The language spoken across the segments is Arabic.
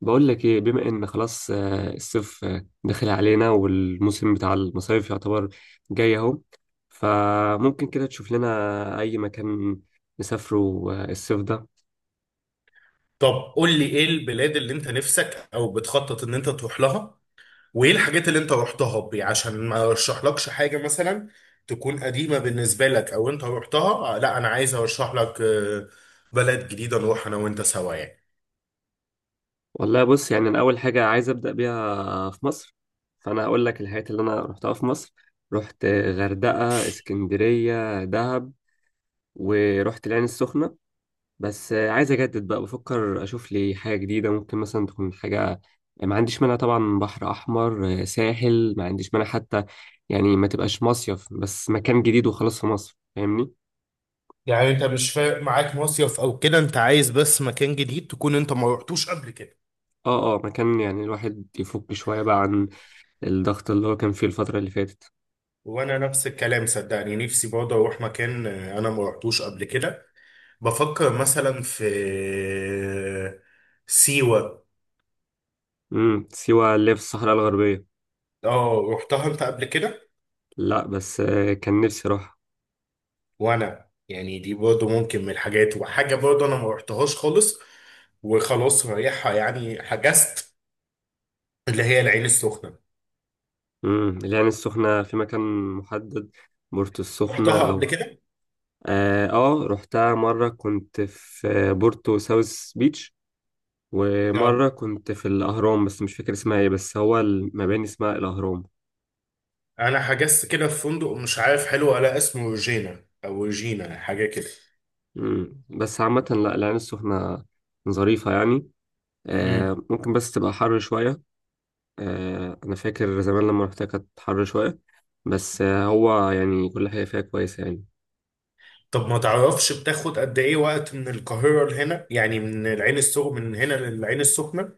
بقول لك ايه، بما ان خلاص الصيف داخل علينا، والموسم بتاع المصايف يعتبر جاي اهو. فممكن كده تشوف لنا اي مكان نسافره. الصيف ده. طب قول لي ايه البلاد اللي انت نفسك او بتخطط ان انت تروح لها، وايه الحاجات اللي انت رحتها بي عشان ما ارشحلكش حاجة مثلا تكون قديمة بالنسبة لك او انت رحتها. لا، انا عايز ارشح لك بلد جديدة نروح انا وانت سوا يعني. والله، بص يعني انا اول حاجه عايز ابدا بيها في مصر، فانا هقول لك الحاجات اللي انا رحتها في مصر. رحت غردقه، اسكندريه، دهب، ورحت العين السخنه. بس عايز اجدد بقى، بفكر اشوف لي حاجه جديده ممكن مثلا تكون حاجه. ما عنديش مانع طبعا، بحر احمر ساحل، ما عنديش مانع حتى، يعني ما تبقاش مصيف، بس مكان جديد وخلاص في مصر، فاهمني. يعني انت مش فارق معاك مصيف او كده، انت عايز بس مكان جديد تكون انت ما رحتوش قبل كده؟ اه، اه، مكان يعني الواحد يفك شويه بقى عن الضغط اللي هو كان فيه الفتره اللي فاتت. وانا نفس الكلام صدقني، نفسي برضه اروح مكان انا ما رحتوش قبل كده. بفكر مثلا في آه، سيوة. سيوه اللي هي في الصحراء الغربيه. اه، رحتها انت قبل كده؟ لا، بس كان نفسي اروح. وانا يعني دي برضه ممكن من الحاجات، وحاجه برضه انا ما رحتهاش خالص وخلاص رايحها يعني حجزت، اللي هي العين السخنه. العين السخنه في مكان محدد، بورتو السخنه رحتها قبل او... كده؟ اه. رحتها مرة، كنت في بورتو ساوث بيتش، اه، ومرة كنت في الأهرام، بس مش فاكر اسمها ايه، بس هو المباني اسمها الأهرام. انا حجزت كده في فندق مش عارف حلو، ولا اسمه روجينا او روجينا حاجه كده. مم. بس عامة، لا، العين السخنة ظريفة يعني. امم ممكن بس تبقى حر شوية. أنا فاكر زمان لما رحتها كانت حر شوية، بس هو يعني كل حاجة فيها كويسة يعني. طب ما تعرفش بتاخد قد ايه وقت من القاهره لهنا، يعني من العين السخنه، من هنا للعين السخنه؟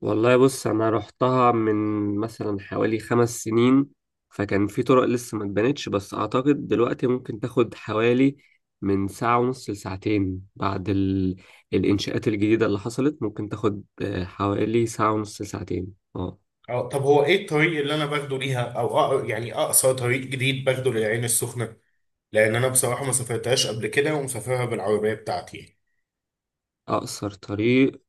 والله، بص، انا رحتها من مثلا حوالي 5 سنين، فكان في طرق لسه ما اتبنتش، بس اعتقد دلوقتي ممكن تاخد حوالي من ساعة ونص لساعتين بعد الانشاءات الجديدة اللي حصلت. ممكن تاخد حوالي ساعة ونص لساعتين. اه. اه، طب هو ايه الطريق اللي انا باخده ليها، او يعني اقصر طريق جديد باخده للعين السخنه؟ لان انا بصراحه ما سافرتهاش قبل كده ومسافرها بالعربيه بتاعتي يعني. اقصر طريق،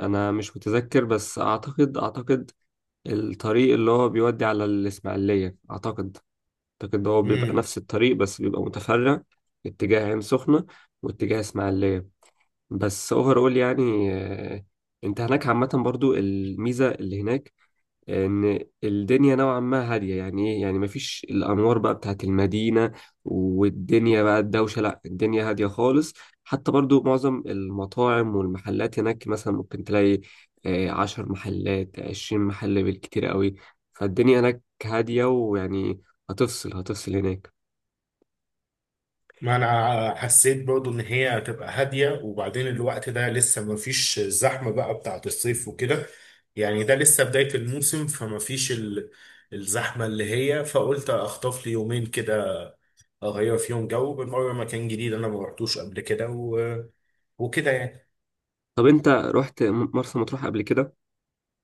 انا مش متذكر، بس اعتقد الطريق اللي هو بيودي على الاسماعيلية. اعتقد اعتقد هو بيبقى امم نفس الطريق، بس بيبقى متفرع، اتجاه عين سخنة واتجاه اسماعيلية. بس اوفرول يعني انت هناك عامة، برضو الميزة اللي هناك ان الدنيا نوعا ما هادية، يعني ايه يعني، مفيش الانوار بقى بتاعت المدينة والدنيا بقى الدوشة، لا، الدنيا هادية خالص. حتى برضو معظم المطاعم والمحلات هناك مثلا ممكن تلاقي 10 محلات، 20 محل بالكتير قوي. فالدنيا هناك هادية، ويعني هتفصل هناك. ما انا حسيت برضو ان هي هتبقى هاديه، وبعدين الوقت ده لسه ما فيش الزحمه بقى بتاعت الصيف وكده. يعني ده لسه بدايه الموسم، فما فيش الزحمه اللي هي، فقلت اخطف لي يومين كده، اغير فيهم جو بالمره، مكان جديد انا ما رحتوش قبل كده وكده يعني. طب انت رحت مرسى مطروح قبل كده؟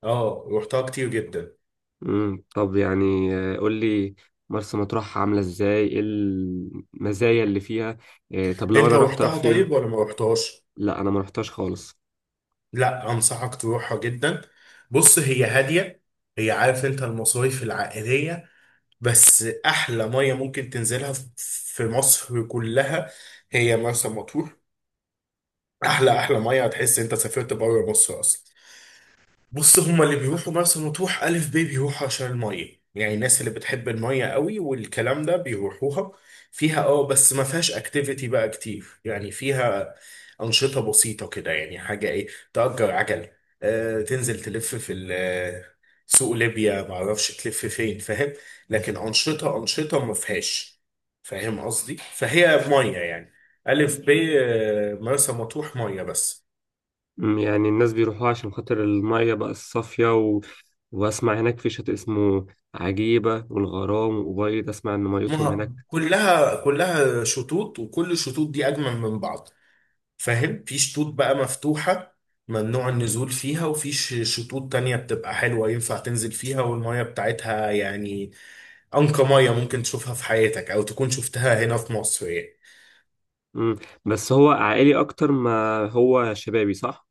اه، رحتها كتير جدا. طب يعني، قول لي، مرسى مطروح عاملة ازاي، ايه المزايا اللي فيها؟ طب لو انت انا رحت اروح رحتها فين؟ طيب ولا ما رحتهاش؟ لا، انا ما رحتش خالص. لا، انصحك تروحها جدا. بص هي هاديه، هي عارف انت المصايف العائليه، بس احلى ميه ممكن تنزلها في مصر كلها هي مرسى مطروح، احلى احلى ميه، هتحس انت سافرت بره مصر اصلا. بص هما اللي بيروحوا مرسى مطروح ألف بيه بيروحوا عشان المية، يعني الناس اللي بتحب المية قوي والكلام ده بيروحوها فيها. اه بس ما فيهاش اكتيفيتي بقى كتير، يعني فيها أنشطة بسيطة كده، يعني حاجة ايه؟ تأجر عجل، تنزل تلف في سوق ليبيا، معرفش تلف فين، فاهم. لكن أنشطة أنشطة ما فيهاش، فاهم قصدي؟ فهي مية يعني، ألف ب مرسى مطروح مية بس. يعني الناس بيروحوها عشان خاطر المية بقى الصافية واسمع هناك في شاطئ اسمه عجيبة والغرام وأبيض، اسمع ان ميتهم هناك. هما كلها كلها شطوط، وكل الشطوط دي اجمل من بعض. فاهم؟ في شطوط بقى مفتوحة ممنوع النزول فيها، وفي شطوط تانية بتبقى حلوة ينفع تنزل فيها، والمية بتاعتها يعني أنقى مية ممكن تشوفها في حياتك، أو تكون شفتها هنا في مصر يعني. امم بس هو عائلي اكتر ما هو شبابي، صح؟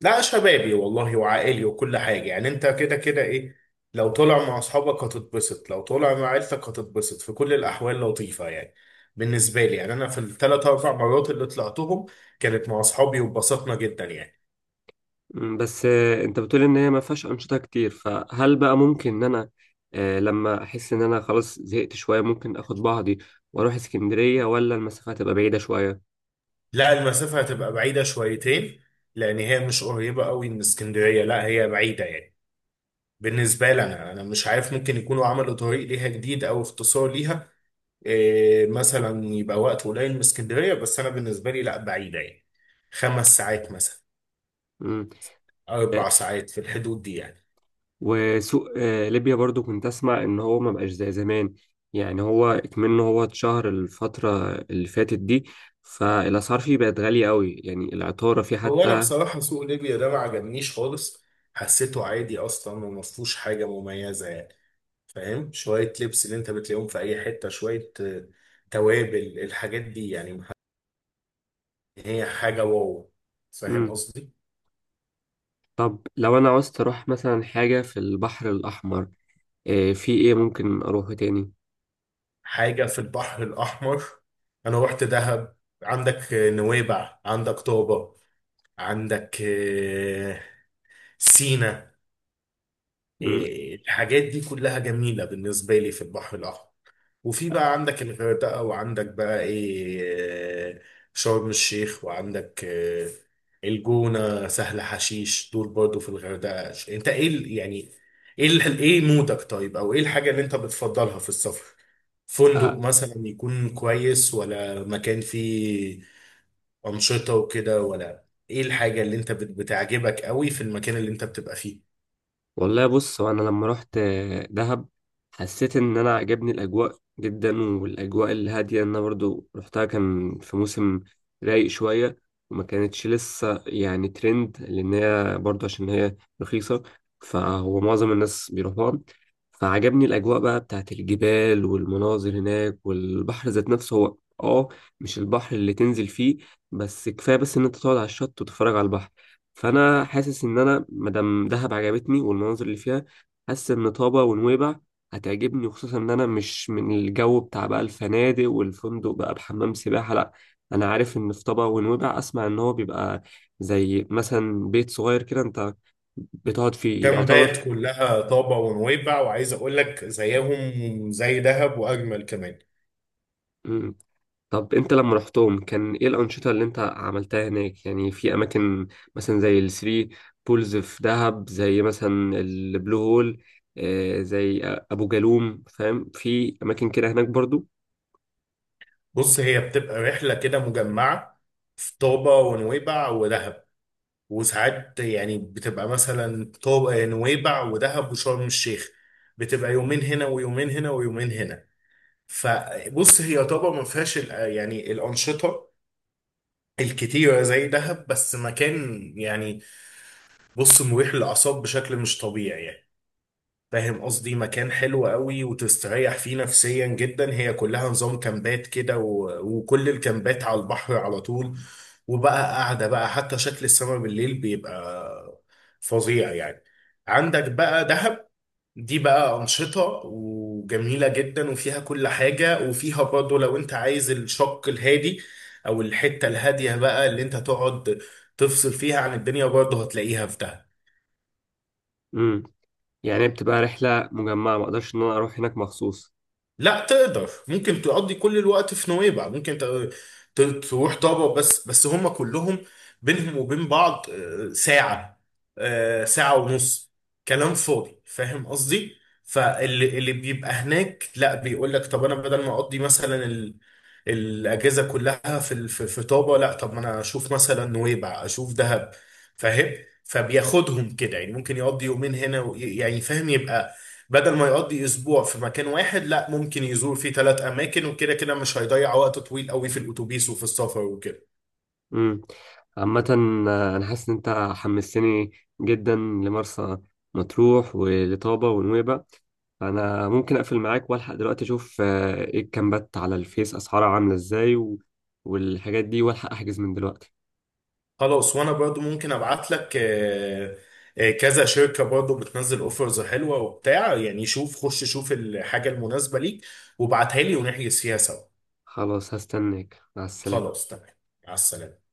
لا، شبابي والله وعائلي وكل حاجة، يعني انت كده كده ايه. لو طلع مع اصحابك هتتبسط، لو طلع مع عيلتك هتتبسط، في كل الاحوال لطيفة يعني. بالنسبة لي يعني انا في الثلاث اربع مرات اللي طلعتهم، كانت مع اصحابي واتبسطنا جدا يعني. بس انت بتقول ان هي ما فيهاش انشطه كتير، فهل بقى ممكن ان انا لما احس ان انا خلاص زهقت شويه، ممكن اخد بعضي واروح اسكندريه، ولا المسافه هتبقى بعيده شويه؟ لا، المسافة هتبقى بعيدة شويتين، لان هي مش قريبة قوي من اسكندرية، لا هي بعيدة يعني. بالنسبة لي انا مش عارف، ممكن يكونوا عملوا طريق ليها جديد او اختصار ليها، إيه مثلا، يبقى وقت قليل من اسكندرية. بس أنا بالنسبة لي لا، بعيدة يعني. 5 ساعات مثلا، مم. آه، 4 ساعات في الحدود دي يعني. وسوق ليبيا برضو كنت اسمع ان هو ما بقاش زي زمان، يعني هو كمان اتشهر الفتره اللي فاتت دي، فالاسعار فيه بقت غاليه قوي، يعني العطاره فيه هو أنا حتى. بصراحة سوق ليبيا ده ما عجبنيش خالص، حسيته عادي أصلا وما فيهوش حاجة مميزة يعني. فاهم؟ شوية لبس اللي أنت بتلاقيهم في أي حتة، شوية توابل، الحاجات دي يعني ما هي حاجة واو. فاهم مم. قصدي؟ طب لو انا عاوزت اروح مثلا حاجه في البحر الاحمر، في ايه ممكن اروحه تاني؟ حاجة في البحر الأحمر؟ أنا رحت دهب، عندك نويبع، عندك طابة، عندك سينا. الحاجات دي كلها جميلة بالنسبة لي في البحر الأحمر. وفي بقى عندك الغردقة، وعندك بقى إيه، آه، شرم الشيخ، وعندك الجونة سهل حشيش، دول برضو في الغردقة. أنت إيه يعني إيه إيه مودك طيب؟ أو إيه الحاجة اللي أنت بتفضلها في السفر؟ فندق آه. مثلا يكون كويس، ولا مكان فيه أنشطة وكده، ولا إيه الحاجة اللي أنت بتعجبك قوي في المكان اللي أنت بتبقى فيه؟ والله، بص، هو انا لما رحت دهب، حسيت ان انا عجبني الاجواء جدا والاجواء الهاديه، إن انا برضو رحتها كان في موسم رايق شويه، وما كانتش لسه يعني ترند، لان هي برضو عشان هي رخيصه، فهو معظم الناس بيروحوها. فعجبني الاجواء بقى بتاعت الجبال والمناظر هناك، والبحر ذات نفسه هو. اه. مش البحر اللي تنزل فيه، بس كفايه بس ان انت تقعد على الشط وتتفرج على البحر. فانا حاسس ان انا مادام دهب عجبتني والمناظر اللي فيها، حاسس ان طابا ونويبع هتعجبني، وخصوصا ان انا مش من الجو بتاع بقى الفنادق والفندق بقى بحمام سباحه، لا. انا عارف ان في طابا ونويبع، اسمع ان هو بيبقى زي مثلا بيت صغير كده انت بتقعد فيه يعتبر. كامبات كلها طابة ونويبع، وعايز أقول لك زيهم زي دهب، وأجمل كمان. إمم. طب انت لما رحتهم كان ايه الانشطه اللي انت عملتها هناك، يعني في اماكن مثلا زي الثري بولز في دهب، زي مثلا البلو هول، زي ابو جالوم، فاهم؟ في اماكن كده هناك برضو. بص هي بتبقى رحلة كده مجمعة في طابة ونويبع ودهب، وساعات يعني بتبقى مثلا طابة نويبع ودهب وشرم الشيخ، بتبقى يومين هنا ويومين هنا ويومين هنا. فبص هي طابة ما فيهاش يعني الأنشطة الكتيرة زي دهب، بس مكان يعني، بص مريح للأعصاب بشكل مش طبيعي يعني. فاهم قصدي؟ مكان حلو قوي وتستريح فيه نفسيا جدا. هي كلها نظام كامبات كده وكل الكامبات على البحر على طول، وبقى قاعدة بقى، حتى شكل السماء بالليل بيبقى فظيع يعني. عندك بقى دهب، دي بقى أنشطة وجميلة جدا وفيها كل حاجة، وفيها برضه لو أنت عايز الشق الهادي، أو الحتة الهادية بقى اللي أنت تقعد تفصل فيها عن الدنيا، برضه هتلاقيها في دهب. امم يعني بتبقى رحله مجمعه، ما اقدرش ان انا اروح هناك مخصوص؟ لا، تقدر. ممكن تقضي كل الوقت في نويبع، ممكن تروح طابا، بس بس هم كلهم بينهم وبين بعض ساعة، ساعة ونص، كلام فاضي. فاهم قصدي؟ فاللي بيبقى هناك لا، بيقول لك طب انا بدل ما اقضي مثلا الاجازة كلها في في طابا، لا، طب ما انا اشوف مثلا نويبع، اشوف دهب. فاهم؟ فبياخدهم كده يعني، ممكن يقضي يومين هنا يعني فاهم، يبقى بدل ما يقضي اسبوع في مكان واحد، لا، ممكن يزور فيه 3 اماكن، وكده كده مش هيضيع وقت طويل قوي في الاتوبيس وفي السفر وكده. امم عامة، أنا حاسس إن أنت حمستني جدا لمرسى مطروح ولطابة ونويبة. أنا ممكن أقفل معاك وألحق دلوقتي أشوف إيه الكامبات على الفيس، أسعارها عاملة إزاي، والحاجات دي، وألحق أحجز من دلوقتي. خلاص، وانا برضو ممكن ابعت لك كذا شركة برضو بتنزل اوفرز حلوة وبتاع يعني. شوف خش شوف الحاجة المناسبة ليك، وابعتها لي، ونحجز فيها سوا. خلاص، هستناك. مع السلامة. خلاص تمام، مع السلامة.